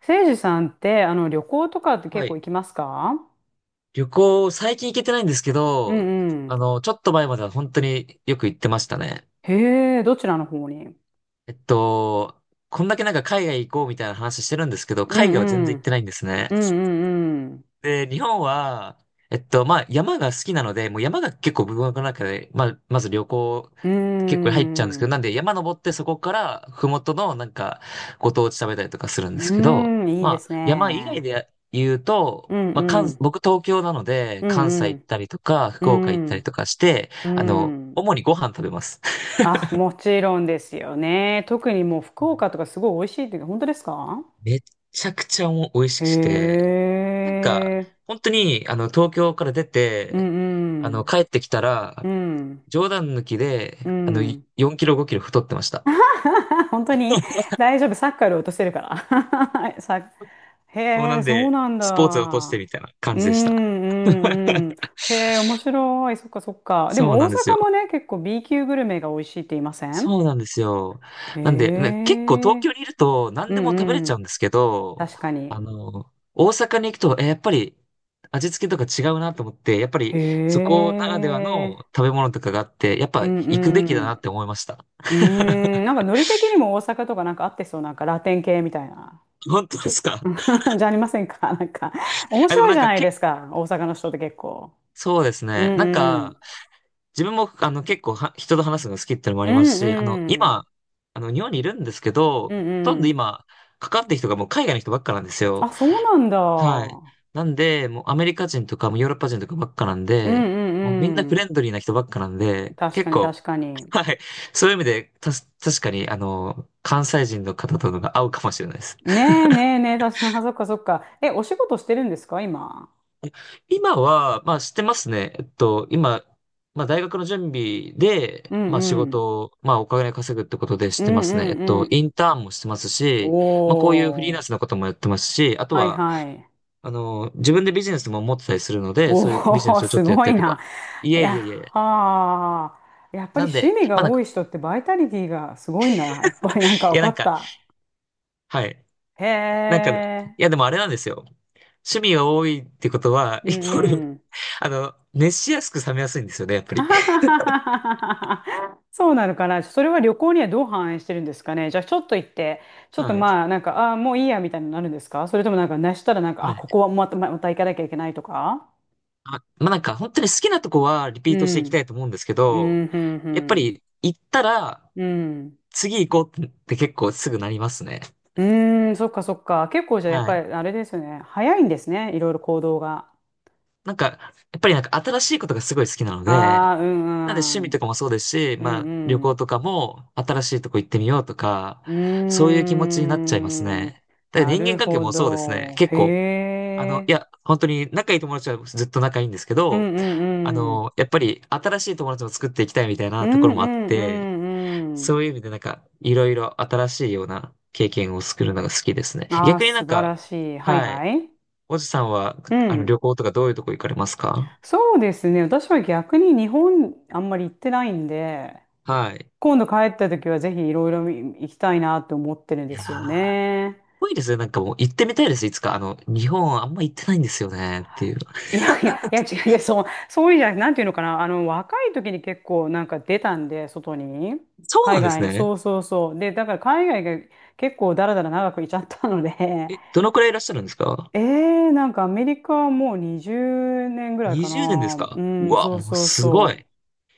せいじさんって、旅行とかっては結構い。行きますか？旅行、最近行けてないんですけうど、んうん。ちょっと前までは本当によく行ってましたね。へえ、どちらの方に？えっと、こんだけ海外行こうみたいな話してるんですけど、う海外は全然んう行ってん。ないんですね。うんうんで、日本は、山が好きなので、もう山が結構僕の中で、まず旅行、う結構入っちゃうんですん。けうーど、なんでん。山登ってそこから、ふもとのご当地食べたりとかするうんですけど、ーん、いいです山以外ね。で言うと、うんうん。僕東京なので、う関ん西う行っん。たりとか、う福岡行ったりとん。かして、うん。主にご飯食べます。あ、もちろんですよね。特にもう福岡とかすごい美味しいっていうか、本当ですか？めっちゃくちゃお美味しへくて、なんか、え。本当に、東京から出うて、んうん。帰ってきたうら、ん。冗談抜きで、うん。4キロ5キロ太ってました。本当に大丈夫。サッカーより落とせるから。へもうなえ、んそうで、なんスポーツを落としだ。てみたいな感うんじでした。うんうん。へえ、面白い。そっかそっか。でそうもな大んですよ。阪もね、結構 B 級グルメが美味しいって言いません？そうなんですよ。へなんで、ね、結構東え。京にいると何うでも食べれんうちゃうん。んですけど、確かに。大阪に行くと、え、やっぱり味付けとか違うなと思って、やっぱへりそこならではえ。の食べ物とかがあって、やっぱうん行くべきうだん。なって思いました。うーん、なんかノリ的にも大阪とかなんか合ってそう、なんかラテン系みたいな。本当ですか？ じゃありませんかなんか。面あ、でも白いなんじゃかないでけ、すか、大阪の人って結構。そうですうんね。うん。自分も、あの、結構は、人と話すのが好きってのもあうりますんし、うん。今、日本にいるんですけど、うんほとんうどん。今、かかってる人がもう海外の人ばっかなんですよ。あ、そうなんはい。だ。なんで、もうアメリカ人とか、もうヨーロッパ人とかばっかなんうんで、うもうみんなんうフレん。ンドリーな人ばっかなんで、確か結に構、確かに。はい。そういう意味で、確かに、関西人の方とのが合うかもしれないです。ねえねえねえ、確かに。あ、そっかそっか。え、お仕事してるんですか、今？今は、知ってますね。今、大学の準備で、うん仕うん。事を、お金稼ぐってことで知っうてまんうすね。んうイん。ンターンもしてますし、こういうフリーおランー。スのこともやってますし、あとはいは、はい。自分でビジネスも持ってたりするので、おそういうビジネー、スをちょっすとやっごたいりとか。な。いいえいや、えいえ。はあ。やっぱりなん趣で、味がまあなんか、多い人ってバイタリティがすごいな。やっぱりなんかい分やかなんっか、た。はい。へなんか、いえ。でもあれなんですよ。趣味が多いってことは、うんイコール、うん。熱しやすく冷めやすいんですよね、やっぱ はり。ははははそうなのかな。それは旅行にはどう反映してるんですかね。じゃあちょっと行って、ちょっとはい。まあなんか、ああー、もういいやみたいになるんですかそれともなんか、なしたらなんか、はあ、い。ここはまた、ままた行かなきゃいけないとか？本当に好きなとこはリピうートしていきたん。いと思うんですけうん、ど、うやっぱん、り行ったらうん。うん。次行こうって結構すぐなりますね。うーん、そっかそっか。結構じゃあやっはぱい。りあれですよね。早いんですね。いろいろ行動が。やっぱり新しいことがすごい好きなので、ああ、うなんで趣味ん、うとん。かもそうですし、うん旅う行ん。とかも新しいとこ行ってみようとか、うそうーいう気持ちになっちゃいますん。ね。だからな人間る関係ほもそうですね。ど。結へ構、え。本当に仲いい友達はずっと仲いいんですけうど、んうんうん。やっぱり新しい友達も作っていきたいみたいうなとこんうろもあっんて、うんうそういん。う意味でいろいろ新しいような経験を作るのが好きですね。ああ、逆に素晴らしい。はいははい。い。おじさんは、うん。旅行とかどういうとこ行かれますか？そうですね。私は逆に日本あんまり行ってないんで、はい。今度帰った時はぜひいろいろ行きたいなって思ってるんいでやー、すよね。ぽいいですね。もう行ってみたいです。いつか。日本あんま行ってないんですよね。っていう。いやいや、いや違うで、そう、そういうんじゃなくて、なんていうのかな。若い時に結構なんか出たんで、外に。そう海なんです外に。ね。そうそうそう。で、だから海外が結構だらだら長くいちゃったので、え、どのくらいいらっしゃるんですか？ ええなんかアメリカはもう20年ぐらいか 20 年ですな。か？ううん、わ、そうもうそうすごそい。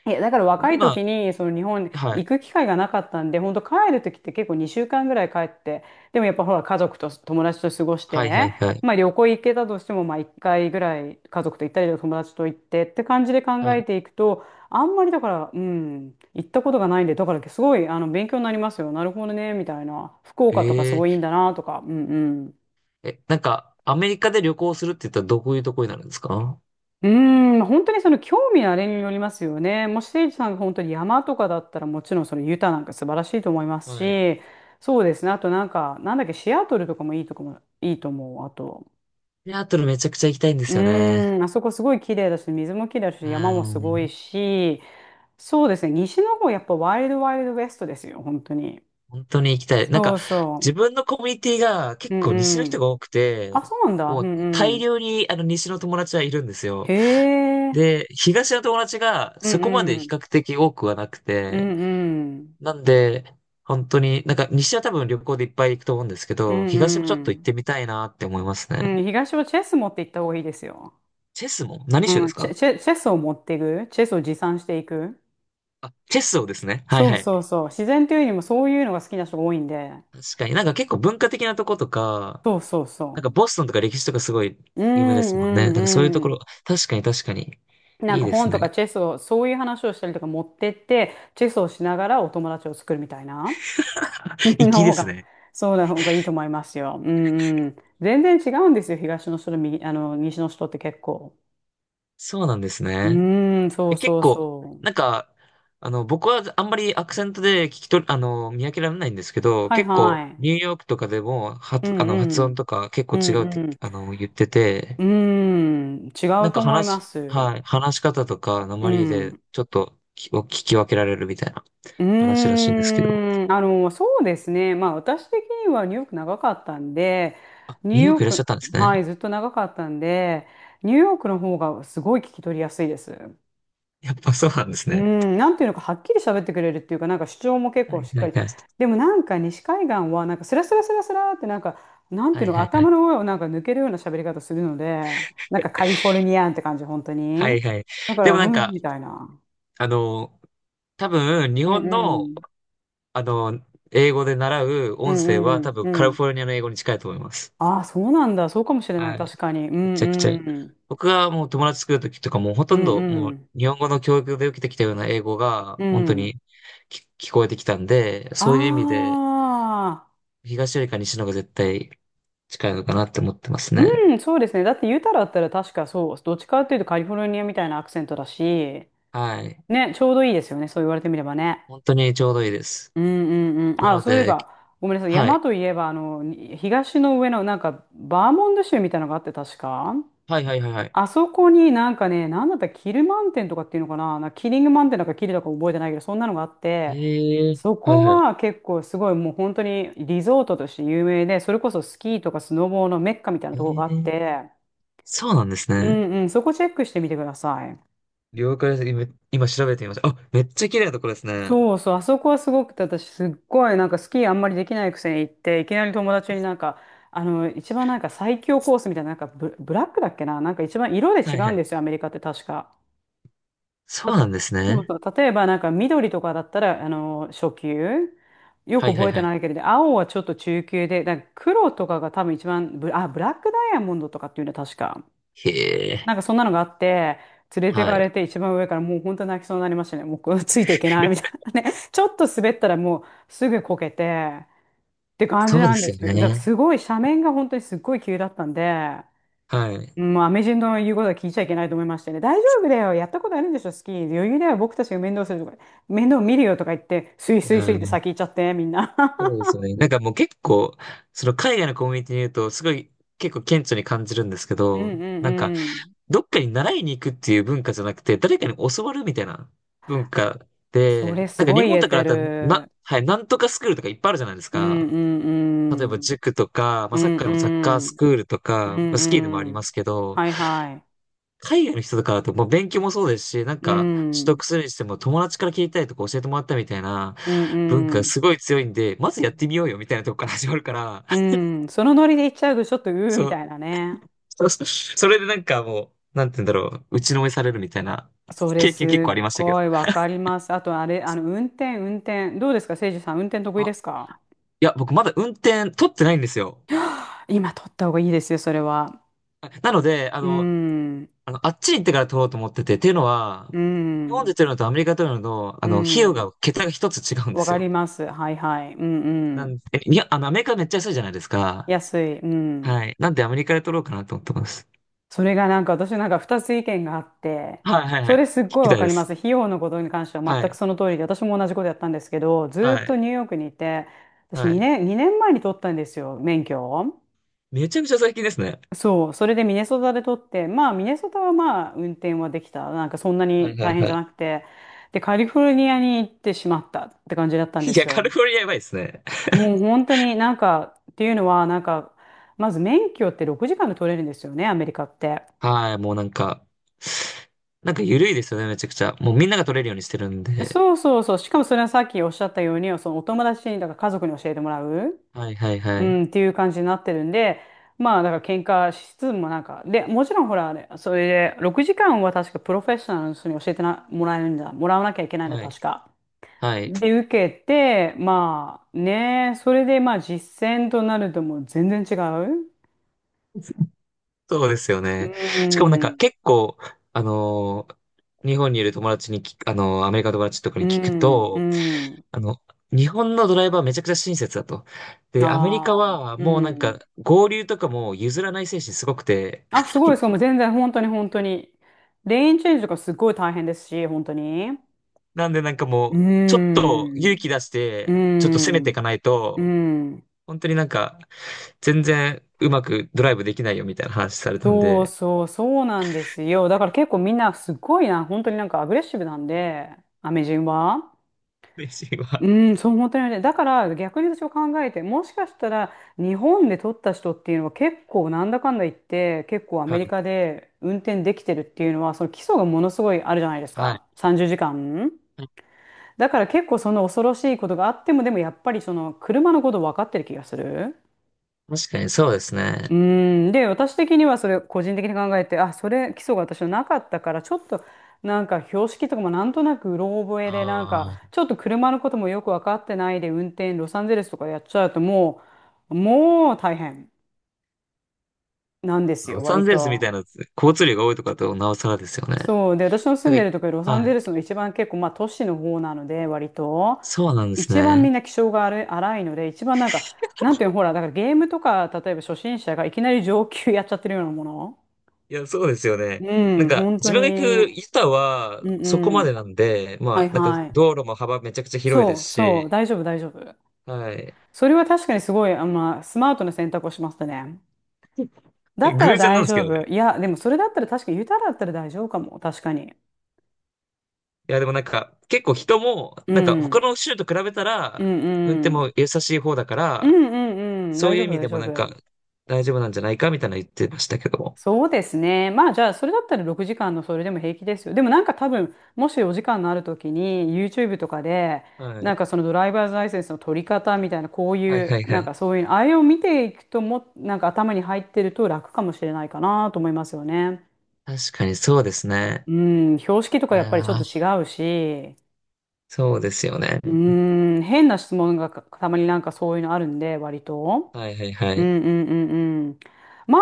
う。いや、だから僕若い今、時に、その日本にはい。行く機会がなかったんで、本当帰る時って結構2週間ぐらい帰って、でもやっぱほら家族と友達と過ごしはいはて、いはい。まあ旅行行けたとしても、まあ1回ぐらい家族と行ったり友達と行ってって感じで考はえい。ていくと、あんまりだから、うん、行ったことがないんで、だからすごい勉強になりますよ。なるほどね、みたいな。福岡とかすえごいいいんー、だなとか、うんうん。え、アメリカで旅行するって言ったらどういうとこになるんですか？うーん、本当にその興味のあれによりますよね。もし誠治さんが本当に山とかだったらもちろんそのユタなんか素晴らしいと思いますはい。し、そうですね。あとなんか、なんだっけ、シアトルとかもいいとこも、いいと思う。あと、シアトルめちゃくちゃ行きたいんでうすよね。ーん、あそこすごい綺麗だし、水も綺麗だし、う山もすごん。いし、そうですね。西の方やっぱワイルドワイルドウェストですよ、本当に。本当に行きたい。そう自そ分のコミュニティがう。結う構西んのう人ん。が多くあ、て、そうなんだ。うもうんう大ん。量に西の友達はいるんですへよ。え。で、東の友達がうそんこまでう比ん。較的多くはなくうて、んうん。なんで、本当に、西は多分旅行でいっぱい行くと思うんですけうど、ん東もちょうっと行っん。てみたいなって思いますうね。ん、東はチェス持って行った方がいいですよ。チェスも何州でうん、すチェ、か？チェ、チェスを持っていく。チェスを持参していく。あ、チェスをですね。はいそうはそうい。そう。自然というよりもそういうのが好きな人が多いんで。確かに結構文化的なとことか、そうそうそボストンとか歴史とかすごいう。う有名ですもんね。んうそういうとんうこん。ろ、確かに確かに。なんいいかです本とね。かチェスを、そういう話をしたりとか持ってって、チェスをしながらお友達を作るみたいな 粋ので方すが、ね。そうな方がいいと思いますよ。うんうん。全然違うんですよ。東の人と右、あの、西の人って結構。そうなんですうね。ん、そうえ、結そう構、そなんう。か、僕はあんまりアクセントで聞き取り、あの、見分けられないんですけど、はい結は構、い。ニューヨークとかでも、う発、あんの、う発音ん。とか結構うん違うって、うん。言ってて、うーん、違なんうとか思い話まし、す。はい、話し方とか、う訛りで、ん。ちょっとき、を聞き分けられるみたいなう話らしいんですけど、ーん、そうですね。まあ、私的にはニューヨーク長かったんで、あ、ニューニューヨーヨークいらっしゃク、ったんですはね。い、ずっと長かったんで、ニューヨークの方がすごい聞き取りやすいです。やっぱそうなんですうね。ん、なんていうのか、はっきり喋ってくれるっていうか、なんか主張も結は構いしっはかいり。はい。でもなんか西海岸は、なんかスラスラスラスラって、なんか、なんはていいうのか、はいはい。頭の上をなんか抜けるような喋り方するので、なんかカリフォルニアンって感じ、本当はに。いはい。だかでら、もうん、みたいな。あの、多分、日うん本うの、ん。あの、英語で習うう音ん声はう多ん分うカリん。フォルニアの英語に近いと思います。ああ、そうなんだ。そうかもしれない。はい。確かに。うめんちゃくちゃ。うん。僕がもう友達作るときとかもうほとうんんどうもうん。日本語の教育で受けてきたような英語がう本当ん。にき聞こえてきたんで、あそういう意味であ。東よりか西の方が絶対近いのかなって思ってますね。うん、そうですね。だって言うたらあったら確かそう、どっちかっていうとカリフォルニアみたいなアクセントだし、はい。ね、ちょうどいいですよね。そう言われてみればね。本当にちょうどいいです。うんうんうん。なあ、のそういえで、ば、ごめんなさい。は山い。といえば、東の上の、なんか、バーモント州みたいなのがあって、確か。はいはいはいはい。あそこになんかね、なんだったらキルマンテンとかっていうのかな、なんかキリングマンテンなんかキルだか覚えてないけど、そんなのがあって、ええそはいこはい。は結構すごいもう本当にリゾートとして有名で、それこそスキーとかスノボーのメッカみたいなえとこがあっえ、て、そうなんですうね。んうん、そこチェックしてみてください。了解です。今調べてみました。あ、めっちゃ綺麗なところですね。そうそう、あそこはすごくて、私すっごいなんかスキーあんまりできないくせに行って、いきなり友達になんか、一番なんか最強コースみたいな、なんかブラックだっけな、なんか一番色で違はいうはんい。ですよ、アメリカって確か。そたうなんですそうね。そう、例えばなんか緑とかだったら、初級。よはくいは覚いえはてい。ないけれど、青はちょっと中級で、なんか黒とかが多分一番ブラックダイヤモンドとかっていうのは確か。へえ、なんかそんなのがあって、連れてはかれい。て一番上からもう本当泣きそうになりましたね。もう ついていけないみたい なね。ちょっと滑ったらもうすぐこけてって感そじうでなんすでよすよ。だからね。すごい斜面が本当にすっごい急だったんで、はい。もうアメ人の言うことは聞いちゃいけないと思いましてね。大丈夫だよ。やったことあるんでしょ、スキー。余裕だよ。僕たちが面倒するとか、面倒見るよとか言って、スイいスやイスイってー、先行っちゃって、みんな。そう ですよね。なんかもう結構、その海外のコミュニティにいると、すごい結構顕著に感じるんですけうんど、うんうん。どっかに習いに行くっていう文化じゃなくて、誰かに教わるみたいな文そ化それで、すご日い言本えとかだてったら、る。はい、なんとかスクールとかいっぱいあるじゃないですうんか。うん例えばうん。塾とか、うサッんカーのサッカーうスん。クールとうか、んスキーでもあうりまん。すけど、はいは海外の人とかだともう勉強もそうですし、い。う取ん。得するにしても友達から聞いたりとか教えてもらったみたいなうん文化うがん。すごい強いんで、まずやってみようよみたいなとこから始まるから、うん。そのノリで行っちゃうと、ちょっと、うーみそう、たいなね。そう それでなんかもう、なんて言うんだろう、打ちのめされるみたいなそれ経験結構すありっましたけど。ごいわかります。あと、あれ、運転。どうですか、せいじさん、運転得意あ、ですか？いや、僕まだ運転取ってないんですよ。今取った方がいいですよ、それは。あなので、あうの、ん。あっちに行ってから取ろうと思ってて、っていうのは、う日本でん。取るのとアメリカで取るのと、う費用ん。が、桁が一つ違うんでわすかりよ。ます。はいはい。うんうなんん。で、えいや、あの、アメリカめっちゃ安いじゃないですか。安い。うん。はい。なんでアメリカで取ろうかなと思ってます。それがなんか私なんか二つ意見があって、はいはいはそれい。すっ聞ごいきわたいかでります。す。費用のことに関してはは全くい。その通りで、私も同じことやったんですけど、ずーはっい。とニューヨークにいて、私はい。2年前に取ったんですよ、免許を。めちゃくちゃ最近ですね。そう、それでミネソタで取って、まあミネソタはまあ運転はできた。なんかそんなはいには大い変はじゃい。なくて、で、カリフォルニアに行ってしまったって感じだったんでいや、すカよ。リフォルニアやばいですね。もう本当になんか、っていうのはなんか、まず免許って6時間で取れるんですよね、アメリカって。はい、もうなんか、なんか緩いですよね、めちゃくちゃ。もうみんなが取れるようにしてるんで。そうそうそう。しかもそれはさっきおっしゃったように、そのお友達に、だから家族に教えてもらう、はいはいはうい。ん、っていう感じになってるんで、まあ、だから喧嘩しつつもなんか、で、もちろんほら、あれそれで、6時間は確かプロフェッショナルの人に教えてな、もらえるんだ、もらわなきゃいけないんだ、はい。確か。はい。で、受けて、まあ、ね、それで、まあ、実践となるともう全然違う。そうですようね。しかもなんかん、結構、あのー日本にいる友達にき、アメリカの友達とかうに聞くん、うと、ん、あの、日本のドライバーめちゃくちゃ親切だと。で、アメリカああ、はうもうなんん。か合流とかも譲らない精神すごくて、あ、すごい、そう、もう 全然、本当に本当に。レーンチェンジとかすごい大変ですし、本当に。なんでなんかうーもう、ちょっとん、勇気出しうーて、ちょっと攻めてん、いかないうーと、ん。本当になんか、全然うまくドライブできないよみたいな話されたんそうで、そう、そうなんですよ。だから結構みんなすごいな、本当になんかアグレッシブなんで、アメ人は。嬉しいわ。うん、そう、本当にね。だから逆に私は考えて、もしかしたら日本で取った人っていうのは結構なんだかんだ言って、結構アはメリい。カで運転できてるっていうのは、その基礎がものすごいあるじゃないですはい。か。30時間。だから結構その恐ろしいことがあっても、でもやっぱりその車のこと分かってる気がする。確かにそうですうね。ーん。で、私的にはそれ個人的に考えて、あ、それ基礎が私はなかったから、ちょっと標識とかもなんとなくうろ覚えで、なんかああ、ちょっと車のこともよく分かってないで運転、ロサンゼルスとかやっちゃうともう大変なんですロよ、サ割ンゼルスみたいと。な交通量が多いとかだとなおさらですよね。そう。で、私の住んなんでるか、ところ、ロサンはゼい。ルスの一番結構、まあ都市の方なので、割と。そうなんです一番みんね。な気性が荒い荒いので、一番なんか、なんていうの、ほら、だからゲームとか、例えば初心者がいきなり上級やっちゃってるようなもの。いや、そうですよね。うなんん、か、本自当分に。が行くユタはうんそこうまでん。なんで、はまいあ、なんかはい。道路も幅めちゃくちゃ広いでそすうそう、し、大丈夫大丈夫。はい。それは確かにすごい、あ、まあ、スマートな選択をしましたね。だった偶ら然なん大です丈けどね。夫。いや、でもそれだったら確かに、ユタだったら大丈夫かも。確かに。いや、でもなんか、結構人も、うなんか他ん。の州と比べたうら、ん運転うん。も優しい方だかうら、んうんうん。そ大ういう丈意夫味大でも丈なんか、夫。大丈夫なんじゃないかみたいなの言ってましたけども。そうですね。まあじゃあ、それだったら6時間のそれでも平気ですよ。でもなんか多分、もしお時間のあるときに YouTube とかで、はない。んかそのドライバーズライセンスの取り方みたいな、こうはいいはう、いはなんい。かそういうの、あれを見ていくとも、なんか頭に入ってると楽かもしれないかなと思いますよね。確かにそうですね。うん、標識といかややっぱりちょっとー、違うし、そうですよね。うん、変な質問がかたまになんかそういうのあるんで、割と。はいはいはうんい。うんうんうん。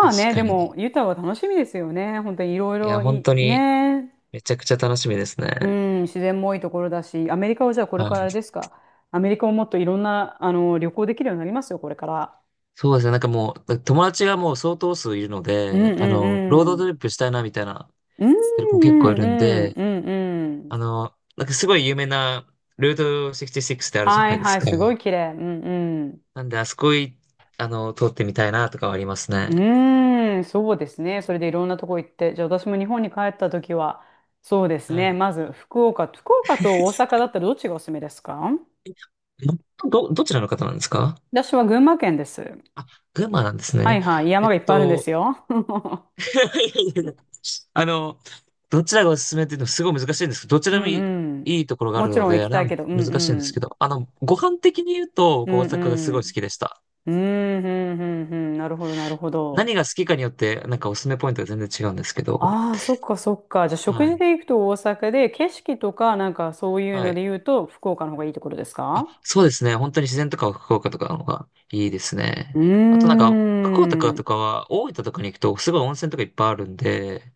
確あね、かでにね。も、ユタは楽しみですよね。本当にいろいいや、ろ本い、当にね、めちゃくちゃ楽しみですうね。ん、自然も多いところだし、アメリカはじゃあこれはからあれでい。すか？アメリカをもっといろんな、あの、旅行できるようになりますよ、これから。そうですね。なんかもう、友達がもう相当数いるのうんで、あうんの、ローうドトん。リップしたいなみたいな、うんもう結構いんうるんんで、うんうあん。の、なんかすごい有名なルート66ってあるじゃはないいですはい、か。すごい綺麗。うんうん。なんで、あそこい、あの、通ってみたいなとかはありますうね。ーん、そうですね。それでいろんなとこ行って。じゃあ私も日本に帰った時は、そうですはね。い。まず福岡と大阪だったらどっちがおすすめですか？ど、どちらの方なんですか？私は群馬県です。あ、群馬なんですはね。いはい、えっ山がいっぱいあるんでと、すよ。いやいやいや、あの、どちらがおすすめっていうのはすごい難しいんですけど、どちうらもいい、んうん。いいところがあもるちのろん行で、あれきたないん、けど、うんう難しいんですけん。ど、あの、ご飯的に言うと、うこうん大阪がすうごい好ん。きでした。うん、うん、うん、うん。なるほど、なるほど。何が好きかによって、なんかおすすめポイントが全然違うんですけど、ああ、そっか、そっか。じゃあ、食は事い。で行くと大阪で、景色とか、なんかそういうはのい。で言うと、福岡の方がいいところですあ、か？そうですね。本当に自然とか福岡とかの方がいいですね。うーあとなんか、福岡とかとかん。は、大分とかに行くと、すごい温泉とかいっぱいあるんで、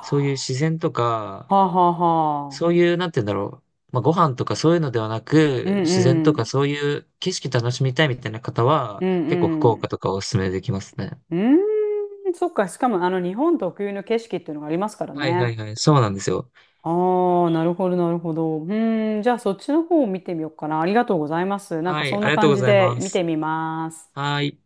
そういう自然とか、あ、はあ、はあ。そういう、なんて言うんだろう。まあ、ご飯とかそういうのではなうく、自然とんうかん。そういう景色楽しみたいみたいな方うは、ん結構福う岡ん。とかおすすめできますね。うーん、そっか。しかも、あの、日本特有の景色っていうのがありますからはいはいね。はい。そうなんですよ。ああ、なるほど、なるほど。うーん、じゃあそっちの方を見てみようかな。ありがとうございます。なんかはい。そんありながとう感ごじざいでま見す。てみます。はい。